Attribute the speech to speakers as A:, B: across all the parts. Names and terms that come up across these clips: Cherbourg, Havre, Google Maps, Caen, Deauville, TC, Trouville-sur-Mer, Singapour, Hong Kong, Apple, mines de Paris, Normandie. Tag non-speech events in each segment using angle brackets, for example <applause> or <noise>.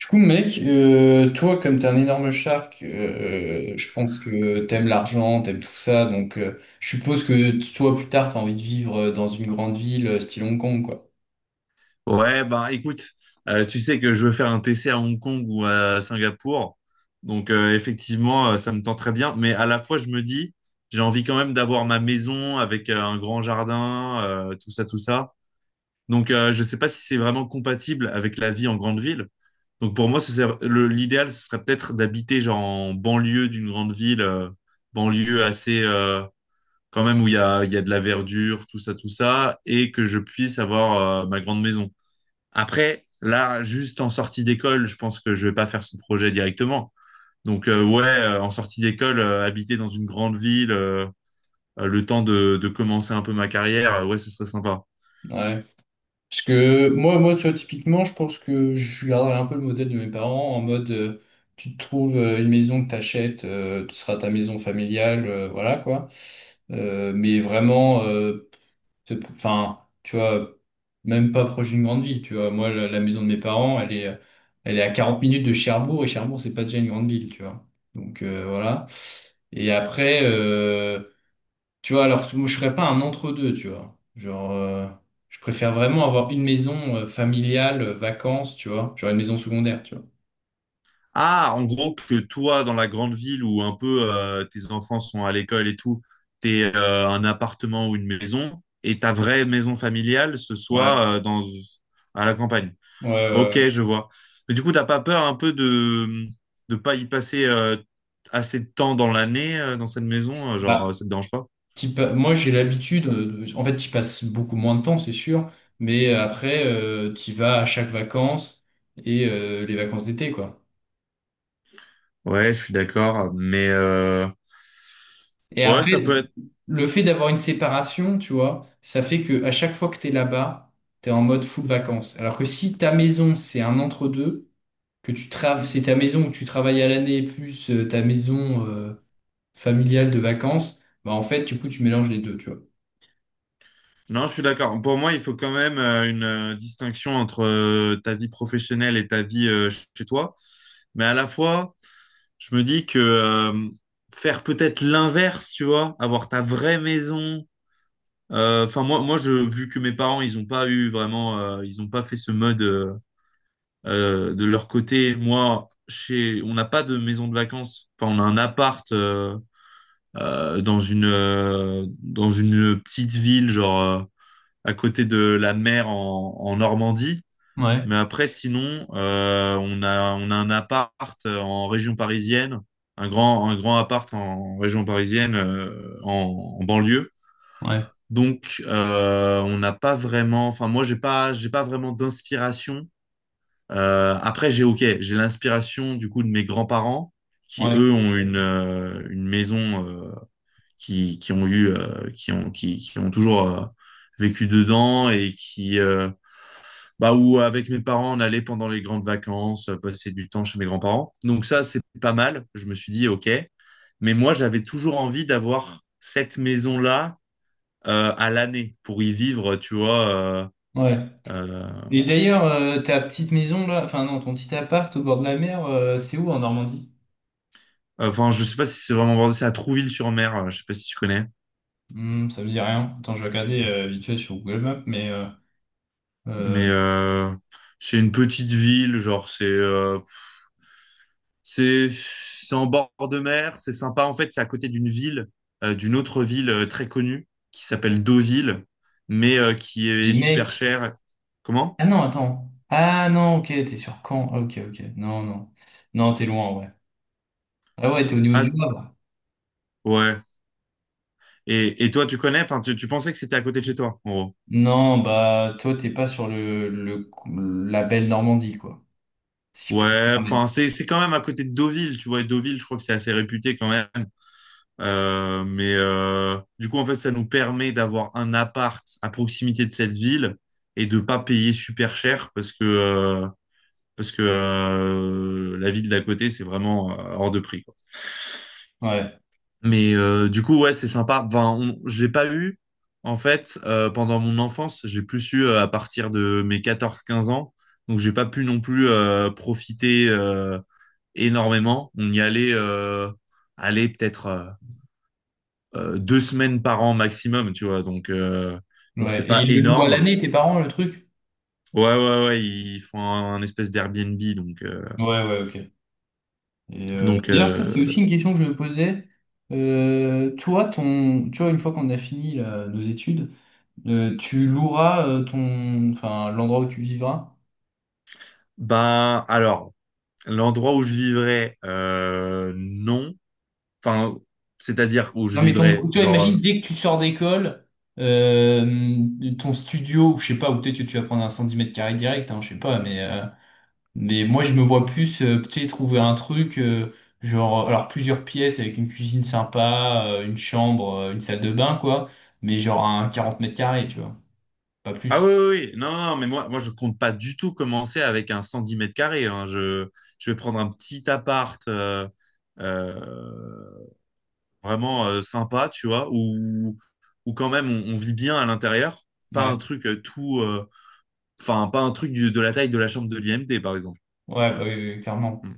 A: Du coup, mec, toi, comme t'es un énorme shark, je pense que t'aimes l'argent, t'aimes tout ça, donc je suppose que toi, plus tard, t'as envie de vivre dans une grande ville, style Hong Kong, quoi.
B: Ouais, bah écoute, tu sais que je veux faire un TC à Hong Kong ou à Singapour. Donc, effectivement, ça me tente très bien. Mais à la fois, je me dis, j'ai envie quand même d'avoir ma maison avec un grand jardin, tout ça, tout ça. Donc je ne sais pas si c'est vraiment compatible avec la vie en grande ville. Donc pour moi, l'idéal, ce serait peut-être d'habiter genre en banlieue d'une grande ville, banlieue assez, quand même où il y a de la verdure, tout ça, et que je puisse avoir ma grande maison. Après, là, juste en sortie d'école, je pense que je vais pas faire ce projet directement. Donc, ouais, en sortie d'école, habiter dans une grande ville, le temps de commencer un peu ma carrière, ouais, ce serait sympa.
A: Ouais. Parce que moi, tu vois, typiquement, je pense que je garderais un peu le modèle de mes parents, en mode, tu te trouves une maison que t'achètes, ce sera ta maison familiale, voilà, quoi. Mais vraiment, Enfin, tu vois, même pas proche d'une grande ville, tu vois. Moi, la maison de mes parents, elle est à 40 minutes de Cherbourg, et Cherbourg, c'est pas déjà une grande ville, tu vois. Donc, voilà. Et après, tu vois, alors que moi, je serais pas un entre-deux, tu vois. Genre, je préfère vraiment avoir une maison familiale, vacances, tu vois. Genre une maison secondaire, tu vois.
B: Ah, en gros, que toi, dans la grande ville où un peu, tes enfants sont à l'école et tout, t'es un appartement ou une maison, et ta vraie maison familiale, ce
A: Ouais,
B: soit à la campagne.
A: ouais, ouais,
B: Ok,
A: ouais.
B: je vois. Mais du coup, t'as pas peur un peu de pas y passer assez de temps dans l'année, dans cette maison? Genre,
A: Bah,
B: ça te dérange pas?
A: Moi, j'ai l'habitude, en fait, tu passes beaucoup moins de temps, c'est sûr, mais après, tu vas à chaque vacances et les vacances d'été, quoi.
B: Ouais, je suis d'accord. Mais
A: Et
B: ouais, ça
A: après,
B: peut être.
A: le fait d'avoir une séparation, tu vois, ça fait que à chaque fois que t'es là-bas, t'es en mode full vacances. Alors que si ta maison, c'est un entre-deux, que tu travailles, c'est ta maison où tu travailles à l'année plus ta maison familiale de vacances, bah en fait, du coup, tu mélanges les deux, tu vois.
B: Non, je suis d'accord. Pour moi, il faut quand même une distinction entre ta vie professionnelle et ta vie, chez toi. Mais à la fois, je me dis que faire peut-être l'inverse, tu vois, avoir ta vraie maison. Enfin, moi, moi, vu que mes parents, ils ont pas eu vraiment, ils ont pas fait ce mode. De leur côté, moi, chez, on n'a pas de maison de vacances. Enfin, on a un appart dans une petite ville, à côté de la mer en Normandie.
A: Ouais,
B: Mais après, sinon, on a un appart en région parisienne, un grand appart en région parisienne, en banlieue.
A: ouais,
B: Donc, on n'a pas vraiment. Enfin, moi, j'ai pas vraiment d'inspiration, après, j'ai l'inspiration du coup de mes grands-parents qui
A: ouais,
B: eux ont une maison, qui ont toujours vécu dedans et qui bah où avec mes parents on allait pendant les grandes vacances passer du temps chez mes grands-parents. Donc ça c'est pas mal. Je me suis dit ok, mais moi j'avais toujours envie d'avoir cette maison là à l'année pour y vivre, tu vois.
A: ouais.
B: Euh,
A: Et d'ailleurs, ta petite maison là, enfin non, ton petit appart au bord de la mer, c'est où en Normandie?
B: enfin, je sais pas si c'est vraiment vrai, c'est à Trouville-sur-Mer. Je sais pas si tu connais.
A: Hmm, ça me dit rien. Attends, je vais regarder vite fait sur Google Maps, mais
B: Mais
A: euh,
B: c'est une petite ville, genre c'est en bord de mer, c'est sympa. En fait, c'est à côté d'une autre ville très connue qui s'appelle Deauville, mais qui
A: les
B: est super
A: mecs.
B: chère. Comment?
A: Ah non, attends. Ah non, ok, t'es sur Caen. Ah, ok, ok. Non, non. Non, t'es loin, ouais. Ah ouais, t'es au niveau du
B: Ah
A: Havre.
B: ouais. Et toi, tu connais? Enfin, tu pensais que c'était à côté de chez toi, en gros.
A: Non, bah toi, t'es pas sur le, la belle Normandie, quoi. Si je peux me
B: Ouais. Enfin,
A: permettre.
B: c'est quand même à côté de Deauville, tu vois. Et Deauville, je crois que c'est assez réputé quand même. Mais du coup, en fait, ça nous permet d'avoir un appart à proximité de cette ville et de pas payer super cher parce que la ville d'à côté, c'est vraiment hors de prix, quoi.
A: Ouais,
B: Mais du coup, ouais, c'est sympa. Enfin, je l'ai pas eu en fait, pendant mon enfance. J'ai plus eu à partir de mes 14 15 ans, donc j'ai pas pu non plus profiter énormément. On y allait peut-être. 2 semaines par an maximum, tu vois. Donc,
A: ouais.
B: c'est
A: Et
B: pas
A: le louent à
B: énorme.
A: l'année, tes parents, le truc?
B: Ouais, ouais, ouais, ils font un espèce d'Airbnb.
A: Ouais, ouais, ok. Et
B: Donc
A: d'ailleurs, ça,
B: euh,
A: c'est aussi une question que je me posais. Toi, tu vois, une fois qu'on a fini là, nos études, tu loueras ton, enfin, l'endroit où tu vivras.
B: ben, alors, l'endroit où je vivrais, non. Enfin, c'est-à-dire où je
A: Non, mais
B: vivrais,
A: ton, tu vois,
B: genre.
A: imagine dès que tu sors d'école, euh, ton studio, ou je sais pas, ou peut-être que tu vas prendre un 110 m² direct, hein, je sais pas, mais moi, je me vois plus peut-être trouver un truc, genre, alors plusieurs pièces avec une cuisine sympa, une chambre, une salle de bain, quoi, mais genre un 40 m², tu vois, pas
B: Ah
A: plus.
B: oui, oui, oui. Non, non, non, mais moi, je compte pas du tout commencer avec un 110 mètres carrés. Hein. Je vais prendre un petit apparteuh, vraiment sympa, tu vois, où quand même on vit bien à l'intérieur, pas
A: Ouais,
B: un truc, enfin, pas un truc de la taille de la chambre de l'IMD, par exemple.
A: ouais, bah oui, oui, oui, clairement.
B: Mm.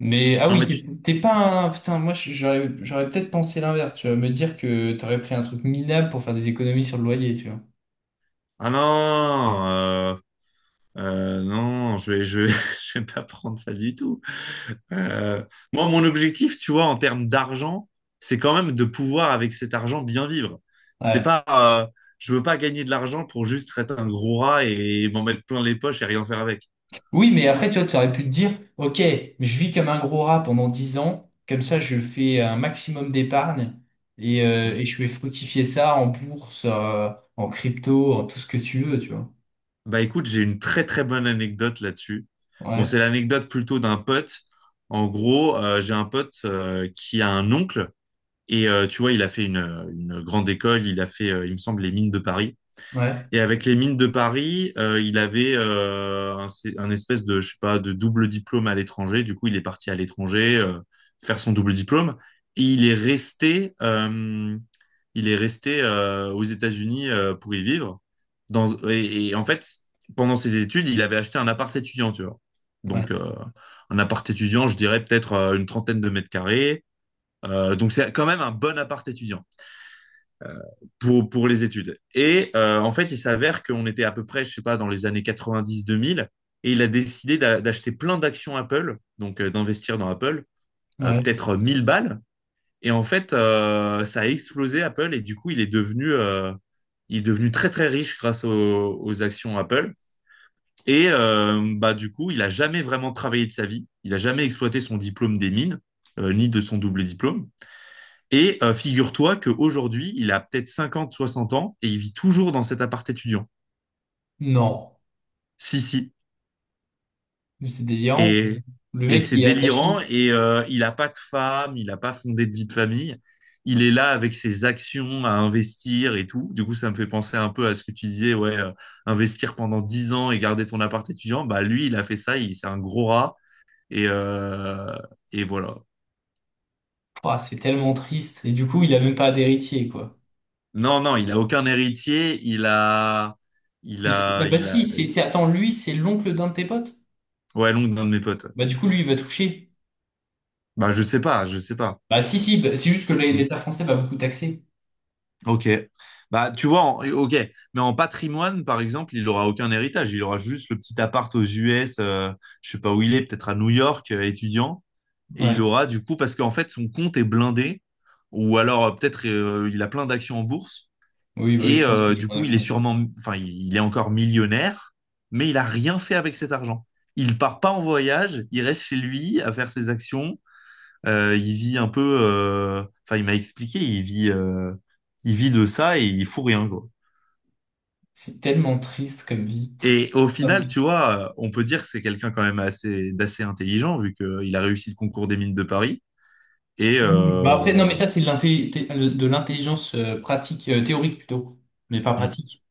A: Mais ah
B: Non,
A: oui,
B: mais tu...
A: t'es pas un. Putain, j'aurais peut-être pensé l'inverse, tu vas me dire que t'aurais pris un truc minable pour faire des économies sur le loyer, tu vois.
B: Ah non, non, <laughs> je vais pas prendre ça du tout. Euh, Moi, mon objectif, tu vois, en termes d'argent, c'est quand même de pouvoir, avec cet argent, bien vivre. C'est
A: Ouais.
B: pas, je veux pas gagner de l'argent pour juste être un gros rat et m'en mettre plein les poches et rien faire avec.
A: Oui, mais après, tu vois, tu aurais pu te dire, ok, je vis comme un gros rat pendant 10 ans, comme ça je fais un maximum d'épargne
B: Mm.
A: et je vais fructifier ça en bourse, en crypto, en tout ce que tu veux, tu vois.
B: Bah écoute, j'ai une très très bonne anecdote là-dessus. Bon,
A: Ouais,
B: c'est l'anecdote plutôt d'un pote. En gros, j'ai un pote qui a un oncle et tu vois, il a fait une grande école, il a fait, il me semble, les mines de Paris.
A: ouais,
B: Et avec les mines de Paris, il avait un espèce de, je sais pas, de double diplôme à l'étranger. Du coup, il est parti à l'étranger faire son double diplôme. Et il est resté aux États-Unis pour y vivre. Dans, et en fait, pendant ses études, il avait acheté un appart étudiant, tu vois.
A: ouais,
B: Donc, un appart étudiant, je dirais peut-être une trentaine de mètres carrés. Donc, c'est quand même un bon appart étudiant pour les études. Et en fait, il s'avère qu'on était à peu près, je sais pas, dans les années 90-2000, et il a décidé d'acheter plein d'actions Apple, donc d'investir dans Apple,
A: ouais.
B: peut-être 1000 balles. Et en fait, ça a explosé Apple, et du coup, il est devenu très très riche grâce aux actions Apple. Et bah, du coup, il a jamais vraiment travaillé de sa vie. Il a jamais exploité son diplôme des mines, ni de son double diplôme. Et figure-toi qu'aujourd'hui, il a peut-être 50, 60 ans et il vit toujours dans cet appart étudiant.
A: Non,
B: Si, si.
A: mais c'est délirant.
B: Et,
A: Le
B: et
A: mec,
B: c'est
A: il est
B: délirant.
A: attaché.
B: Et il n'a pas de femme, il n'a pas fondé de vie de famille. Il est là avec ses actions à investir et tout. Du coup, ça me fait penser un peu à ce que tu disais, ouais, investir pendant 10 ans et garder ton appart étudiant. Bah, lui, il a fait ça, il, c'est un gros rat. Et, euh, et voilà.
A: Ouah, c'est tellement triste. Et du coup, il a même pas d'héritier, quoi.
B: Non, non, il a aucun héritier. Il a. Il
A: Mais c'est- ah
B: a.
A: bah
B: Il a.
A: si, c'est- attends, lui, c'est l'oncle d'un de tes potes?
B: Ouais, l'oncle d'un de mes potes. Ouais.
A: Bah du coup, lui, il va toucher.
B: Bah, je sais pas, je sais pas.
A: Bah si, si, bah, c'est juste que
B: Mm.
A: l'État français va beaucoup taxer.
B: Ok. Bah, tu vois, ok. Mais en patrimoine, par exemple, il aura aucun héritage. Il aura juste le petit appart aux US, je sais pas où il est, peut-être à New York, étudiant. Et il
A: Ouais.
B: aura, du coup, parce qu'en fait, son compte est blindé. Ou alors, peut-être, il a plein d'actions en bourse.
A: Oui, bah oui,
B: Et
A: je pense qu'il est
B: du
A: en
B: coup, il est
A: action.
B: sûrement, enfin, il est encore millionnaire, mais il a rien fait avec cet argent. Il part pas en voyage, il reste chez lui à faire ses actions. Il vit un peu, enfin, il m'a expliqué, il vit de ça et il fout rien, quoi.
A: C'est tellement triste comme vie.
B: Et au
A: Hum.
B: final, tu vois, on peut dire que c'est quelqu'un quand même d'assez intelligent, vu qu'il a réussi le concours des mines de Paris. Et
A: Bah après, non, mais
B: euh,
A: ça, c'est de de l'intelligence pratique, théorique plutôt, mais pas
B: hmm.
A: pratique.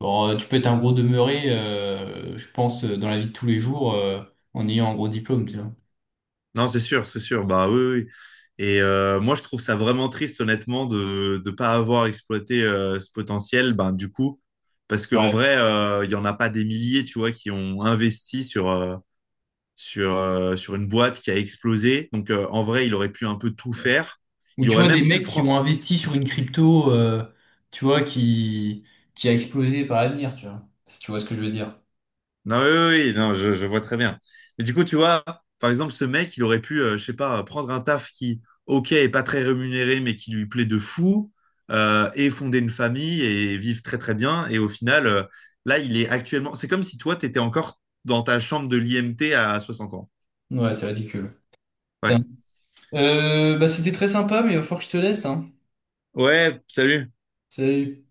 A: Bon, tu peux être un gros demeuré, je pense, dans la vie de tous les jours, en ayant un gros diplôme, tu vois.
B: Non, c'est sûr, bah oui, oui. Et moi, je trouve ça vraiment triste, honnêtement, de ne pas avoir exploité ce potentiel, ben, du coup, parce qu'en
A: Ouais.
B: vrai, il y n'y en a pas des milliers, tu vois, qui ont investi sur une boîte qui a explosé. Donc, en vrai, il aurait pu un peu tout faire.
A: Ou
B: Il
A: tu
B: aurait
A: vois, des
B: même pu
A: mecs qui
B: prendre.
A: ont investi sur une crypto, tu vois, qui a explosé par l'avenir, tu vois. Si tu vois ce que je veux dire.
B: Non, oui, oui, oui, non, je vois très bien. Mais du coup, tu vois, par exemple, ce mec, il aurait pu, je sais pas, prendre un taf qui, ok, est pas très rémunéré, mais qui lui plaît de fou, et fonder une famille et vivre très très bien. Et au final, là, il est actuellement. C'est comme si toi, tu étais encore dans ta chambre de l'IMT à 60 ans.
A: Ouais, c'est ridicule.
B: Ouais.
A: Putain. Bah, c'était très sympa, mais il va falloir que je te laisse, hein.
B: Ouais, salut.
A: Salut.